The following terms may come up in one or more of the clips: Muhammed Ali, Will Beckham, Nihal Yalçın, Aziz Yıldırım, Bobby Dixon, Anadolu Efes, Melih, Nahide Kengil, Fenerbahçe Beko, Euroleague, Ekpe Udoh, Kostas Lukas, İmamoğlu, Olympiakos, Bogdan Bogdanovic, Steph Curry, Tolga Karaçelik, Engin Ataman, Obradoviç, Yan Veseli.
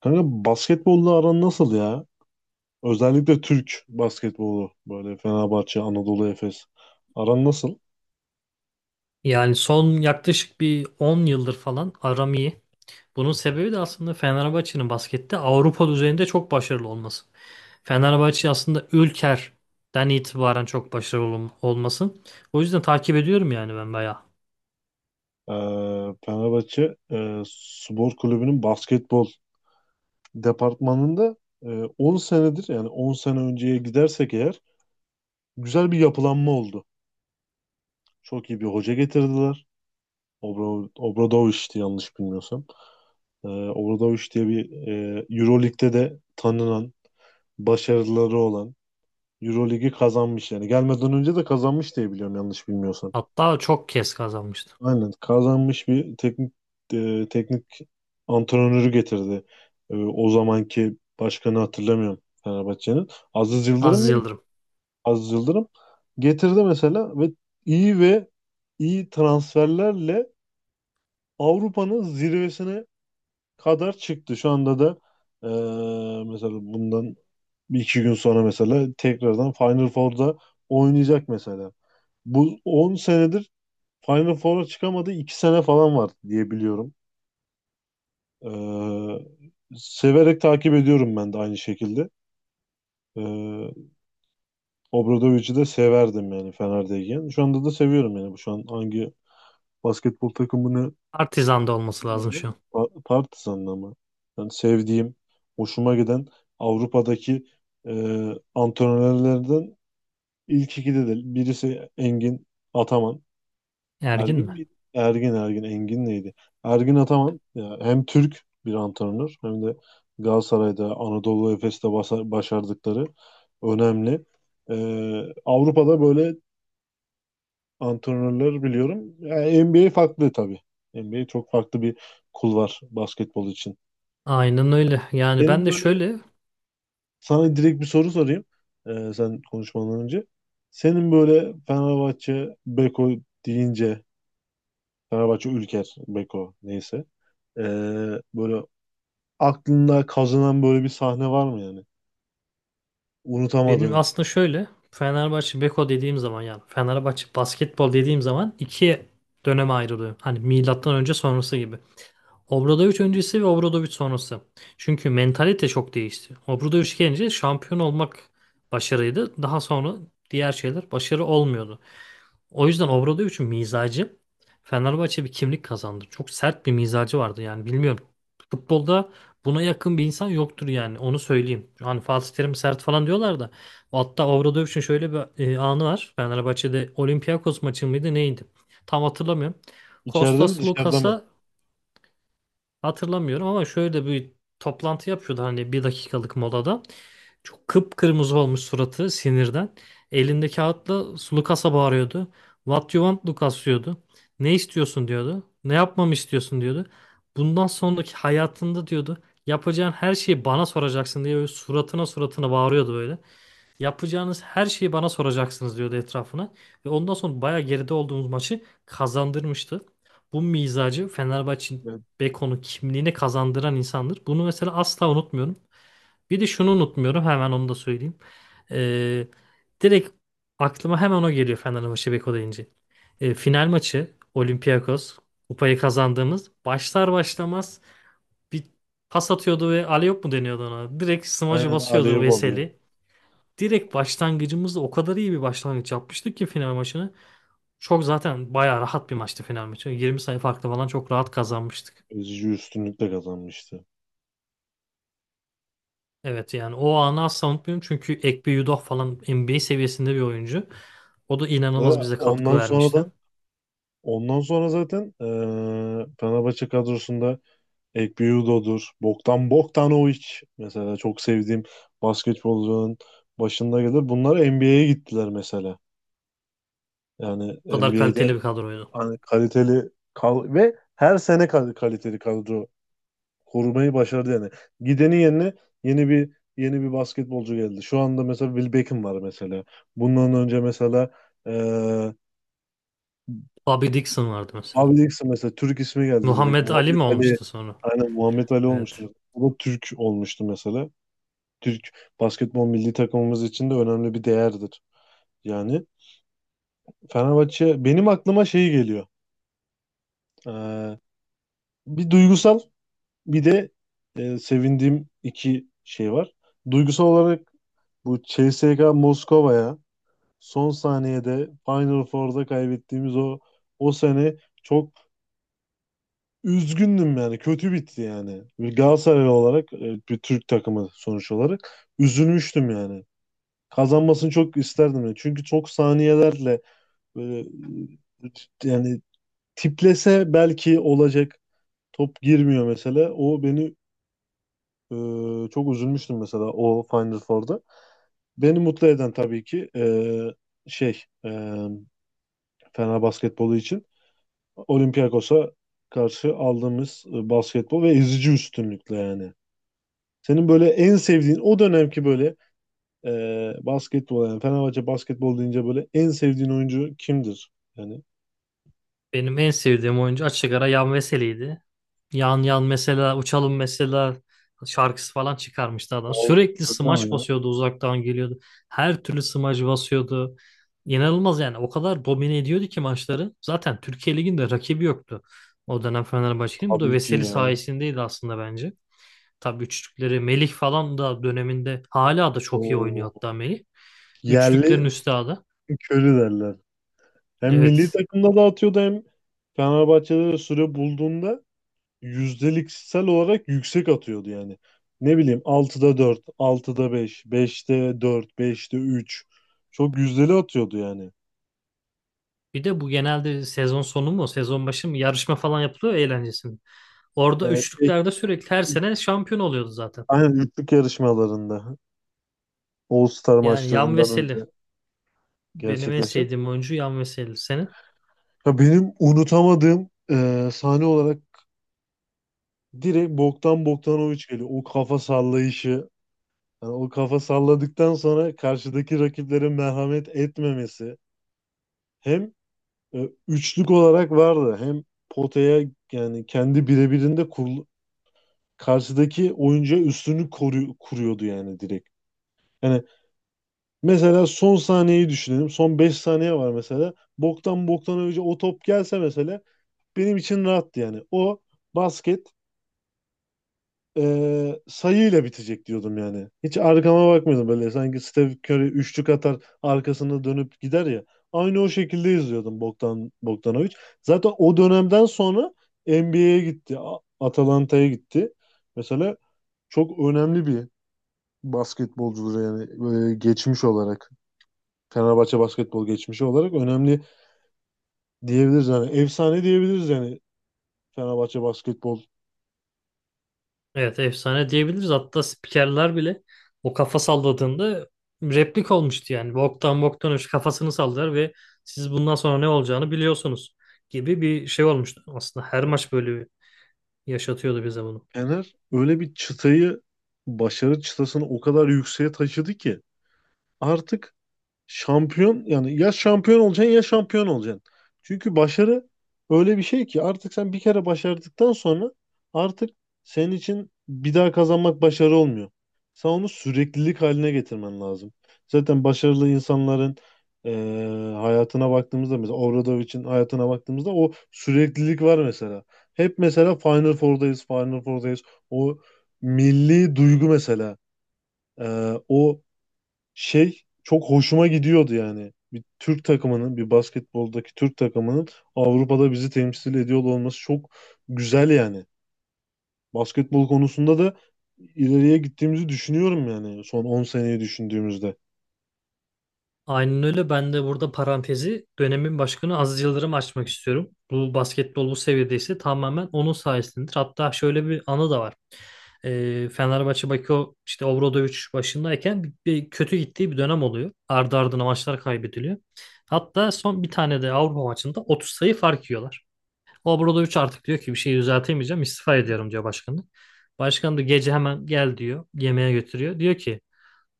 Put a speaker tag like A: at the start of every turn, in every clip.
A: Kanka, basketbolla aran nasıl ya? Özellikle Türk basketbolu böyle Fenerbahçe, Anadolu Efes. Aran nasıl?
B: Yani son yaklaşık bir 10 yıldır falan aram iyi. Bunun sebebi de aslında Fenerbahçe'nin baskette Avrupa düzeyinde çok başarılı olması. Fenerbahçe aslında Ülker'den itibaren çok başarılı olması. O yüzden takip ediyorum yani ben bayağı.
A: Ee, Fenerbahçe Spor Kulübü'nün basketbol departmanında, e, 10 senedir, yani 10 sene önceye gidersek eğer güzel bir yapılanma oldu. Çok iyi bir hoca getirdiler. Obradoviç'ti, yanlış bilmiyorsam. Obradoviç diye bir, Euroleague'de de tanınan, başarıları olan, Euroligi kazanmış yani. Gelmeden önce de kazanmış diye biliyorum, yanlış bilmiyorsan.
B: Hatta çok kez kazanmıştı.
A: Aynen, kazanmış bir teknik, teknik antrenörü getirdi. O zamanki başkanı hatırlamıyorum Fenerbahçe'nin. Aziz Yıldırım
B: Aziz
A: mıydı?
B: Yıldırım.
A: Aziz Yıldırım getirdi mesela ve iyi ve iyi transferlerle Avrupa'nın zirvesine kadar çıktı. Şu anda da e, mesela bundan bir iki gün sonra mesela tekrardan Final Four'da oynayacak mesela. Bu 10 senedir Final Four'a çıkamadı. 2 sene falan var diye biliyorum. Severek takip ediyorum ben de aynı şekilde. Ee, Obradovic'i de severdim yani Fener'deyken. Şu anda da seviyorum yani. Bu şu an hangi basketbol takımını
B: Partizan'da olması lazım
A: bilmiyorum
B: şu an.
A: ama Partizan'ın ama. Yani sevdiğim, hoşuma giden Avrupa'daki e, antrenörlerden ilk ikide de birisi Engin Ataman.
B: Ergin
A: Ergin
B: mi?
A: miydi? Ergin, Engin neydi? Ergin Ataman ya, hem Türk bir antrenör hem de Galatasaray'da, Anadolu Efes'te başardıkları önemli. Ee, Avrupa'da böyle antrenörler biliyorum. Yani NBA farklı tabii. NBA çok farklı bir kulvar basketbol için.
B: Aynen öyle. Yani
A: Senin
B: ben de
A: böyle,
B: şöyle.
A: sana direkt bir soru sorayım sen konuşmadan önce. Senin böyle Fenerbahçe Beko deyince, Fenerbahçe Ülker Beko neyse. Ee, böyle aklında kazınan böyle bir sahne var mı yani?
B: Benim
A: Unutamadığın.
B: aslında şöyle, Fenerbahçe Beko dediğim zaman yani Fenerbahçe basketbol dediğim zaman iki döneme ayrılıyor. Hani milattan önce sonrası gibi. Obradoviç öncesi ve Obradoviç sonrası. Çünkü mentalite çok değişti. Obradoviç gelince şampiyon olmak başarıydı. Daha sonra diğer şeyler başarı olmuyordu. O yüzden Obradoviç'in mizacı, Fenerbahçe bir kimlik kazandı. Çok sert bir mizacı vardı yani, bilmiyorum. Futbolda buna yakın bir insan yoktur yani, onu söyleyeyim. Hani Fatih Terim sert falan diyorlar da. Hatta Obradoviç'in şöyle bir anı var. Fenerbahçe'de Olympiakos maçı mıydı neydi? Tam hatırlamıyorum.
A: İçeride mi,
B: Kostas
A: dışarıda mı?
B: Lukas'a, hatırlamıyorum ama, şöyle bir toplantı yapıyordu hani, bir dakikalık molada. Çok kıpkırmızı olmuş suratı sinirden. Elinde kağıtla Lucas'a bağırıyordu. What you want Lucas diyordu. Ne istiyorsun diyordu. Ne yapmamı istiyorsun diyordu. Bundan sonraki hayatında diyordu. Yapacağın her şeyi bana soracaksın diye böyle suratına suratına bağırıyordu böyle. Yapacağınız her şeyi bana soracaksınız diyordu etrafına. Ve ondan sonra bayağı geride olduğumuz maçı kazandırmıştı. Bu mizacı, Fenerbahçe'nin
A: Evet.
B: Beko'nun kimliğini kazandıran insandır. Bunu mesela asla unutmuyorum. Bir de şunu unutmuyorum, hemen onu da söyleyeyim. Ee, Direkt aklıma hemen o geliyor Fenerbahçe Beko deyince. Final maçı Olympiakos kupayı kazandığımız, başlar başlamaz bir pas atıyordu ve alley-oop mu deniyordu ona? Direkt smacı
A: Aynen.
B: basıyordu
A: Alev alıyor.
B: Veseli. Direkt başlangıcımızda o kadar iyi bir başlangıç yapmıştık ki final maçını. Çok zaten bayağı rahat bir maçtı final maçı. 20 sayı farklı falan çok rahat kazanmıştık.
A: Ezici üstünlükle kazanmıştı.
B: Evet yani o anı asla unutmuyorum çünkü Ekpe Udoh falan NBA seviyesinde bir oyuncu. O da inanılmaz
A: Ve
B: bize katkı vermişti.
A: ondan sonra zaten Fenerbahçe kadrosunda Ekpiyudo'dur. Bogdan Bogdanovic mesela çok sevdiğim basketbolcunun başında gelir. Bunlar NBA'ye gittiler mesela. Yani
B: O kadar kaliteli
A: NBA'de
B: bir kadroydu.
A: hani kaliteli kal ve her sene kaliteli kadro korumayı başardı yani. Gidenin yerine yeni bir yeni bir basketbolcu geldi. Şu anda mesela Will Beckham var mesela. Bundan önce mesela eee
B: Bobby Dixon vardı mesela.
A: Bobby Dixon mesela. Türk ismi geldi direkt,
B: Muhammed Ali
A: Muhammed
B: mi
A: Ali.
B: olmuştu sonra?
A: Aynen, Muhammed Ali olmuştu
B: Evet.
A: mesela. O da Türk olmuştu mesela. Türk basketbol milli takımımız için de önemli bir değerdir. Yani Fenerbahçe benim aklıma şey geliyor. Eee, bir duygusal bir de, sevindiğim iki şey var. Duygusal olarak, bu CSKA Moskova'ya son saniyede Final Four'da kaybettiğimiz o sene çok üzgündüm yani. Kötü bitti yani. Bir Galatasaraylı olarak bir Türk takımı sonuç olarak üzülmüştüm yani. Kazanmasını çok isterdim yani. Çünkü çok saniyelerle böyle, e, yani tiplese belki olacak, top girmiyor mesela. O beni e, çok üzülmüştüm mesela o Final Four'da. Beni mutlu eden tabii ki, şey e, Fener basketbolu için Olympiakos'a karşı aldığımız basketbol, ve ezici üstünlükle yani. Senin böyle en sevdiğin o dönemki böyle e, basketbol, yani Fenerbahçe basketbol deyince böyle en sevdiğin oyuncu kimdir? Yani.
B: Benim en sevdiğim oyuncu açık ara Yan Veseli'ydi. Yan Yan mesela, Uçalım mesela şarkısı falan çıkarmıştı adam. Sürekli
A: Tamam
B: smaç
A: ya.
B: basıyordu, uzaktan geliyordu. Her türlü smaç basıyordu. İnanılmaz yani, o kadar domine ediyordu ki maçları. Zaten Türkiye Ligi'nde rakibi yoktu o dönem Fenerbahçe'nin. Bu da
A: Tabii ki
B: Veseli
A: ya.
B: sayesindeydi aslında bence. Tabii üçlükleri Melih falan da döneminde, hala da çok iyi oynuyor
A: Oo.
B: hatta Melih. Üçlüklerin
A: Yerli
B: üstadı.
A: Stephen derler. Hem milli
B: Evet.
A: takımda da atıyordu, hem Fenerbahçe'de de süre bulduğunda yüzdeliksel olarak yüksek atıyordu yani. Ne bileyim, 4/6, 5/6, 4/5, 3/5. Çok yüzdeli atıyordu yani.
B: Bir de bu genelde sezon sonu mu, sezon başı mı yarışma falan yapılıyor ya eğlencesinde. Orada
A: Ee, şey,
B: üçlüklerde sürekli her sene şampiyon oluyordu zaten.
A: aynen üçlük yarışmalarında, All Star
B: Yani Yan
A: maçlarından
B: Veseli.
A: önce
B: Benim en
A: gerçekleşen.
B: sevdiğim oyuncu Yan Veseli, senin?
A: Ya benim unutamadığım sahne olarak direkt Bogdan Bogdanovic geliyor. O kafa sallayışı, yani o kafa salladıktan sonra karşıdaki rakiplere merhamet etmemesi. Hem üçlük olarak vardı, hem potaya, yani kendi birebirinde karşıdaki oyuncuya üstünlük kuruyordu yani, direkt. Yani mesela son saniyeyi düşünelim. Son 5 saniye var mesela. Boktan önce o top gelse mesela benim için rahattı yani. O basket sayıyla bitecek diyordum yani. Hiç arkama bakmıyordum böyle. Sanki Steph Curry üçlük atar arkasında dönüp gider ya, aynı o şekilde izliyordum Bogdan Bogdanovic. Zaten o dönemden sonra NBA'ye gitti. Atalanta'ya gitti. Mesela çok önemli bir basketbolcudur yani, geçmiş olarak. Fenerbahçe basketbol geçmişi olarak önemli diyebiliriz yani, efsane diyebiliriz yani. Fenerbahçe basketbol,
B: Evet, efsane diyebiliriz. Hatta spikerler bile o kafa salladığında replik olmuştu yani. Bogdan Bogdanovic kafasını sallar ve siz bundan sonra ne olacağını biliyorsunuz gibi bir şey olmuştu. Aslında her maç böyle yaşatıyordu bize bunu.
A: Fener öyle bir çıtayı, başarı çıtasını o kadar yükseğe taşıdı ki artık şampiyon, yani ya şampiyon olacaksın ya şampiyon olacaksın. Çünkü başarı öyle bir şey ki, artık sen bir kere başardıktan sonra artık senin için bir daha kazanmak başarı olmuyor. Sen onu süreklilik haline getirmen lazım. Zaten başarılı insanların, hayatına baktığımızda, mesela Obradovic'in hayatına baktığımızda o süreklilik var mesela. Hep mesela Final Four'dayız, Final Four'dayız. O milli duygu mesela. O şey çok hoşuma gidiyordu yani. Bir Türk takımının, bir basketboldaki Türk takımının Avrupa'da bizi temsil ediyor olması çok güzel yani. Basketbol konusunda da ileriye gittiğimizi düşünüyorum, yani son 10 seneyi düşündüğümüzde.
B: Aynen öyle. Ben de burada parantezi dönemin başkanı Aziz Yıldırım açmak istiyorum. Bu basketbol bu seviyedeyse tamamen onun sayesindedir. Hatta şöyle bir anı da var. Fenerbahçe Bakio işte Obradovic başındayken bir kötü gittiği bir dönem oluyor. Ardı ardına maçlar kaybediliyor. Hatta son bir tane de Avrupa maçında 30 sayı fark yiyorlar. Obradovic artık diyor ki, bir şey düzeltemeyeceğim, istifa ediyorum diyor başkanı. Başkan da gece hemen gel diyor, yemeğe götürüyor. Diyor ki: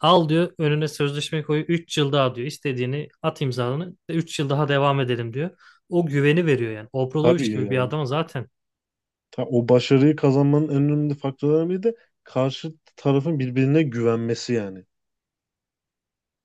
B: Al diyor önüne sözleşme koyu, 3 yıl daha diyor, istediğini at imzalını, 3 yıl daha devam edelim diyor. O güveni veriyor yani
A: Tabii
B: Obradoviç gibi bir
A: yani.
B: adama zaten.
A: O başarıyı kazanmanın en önemli faktörlerinden biri de karşı tarafın birbirine güvenmesi yani.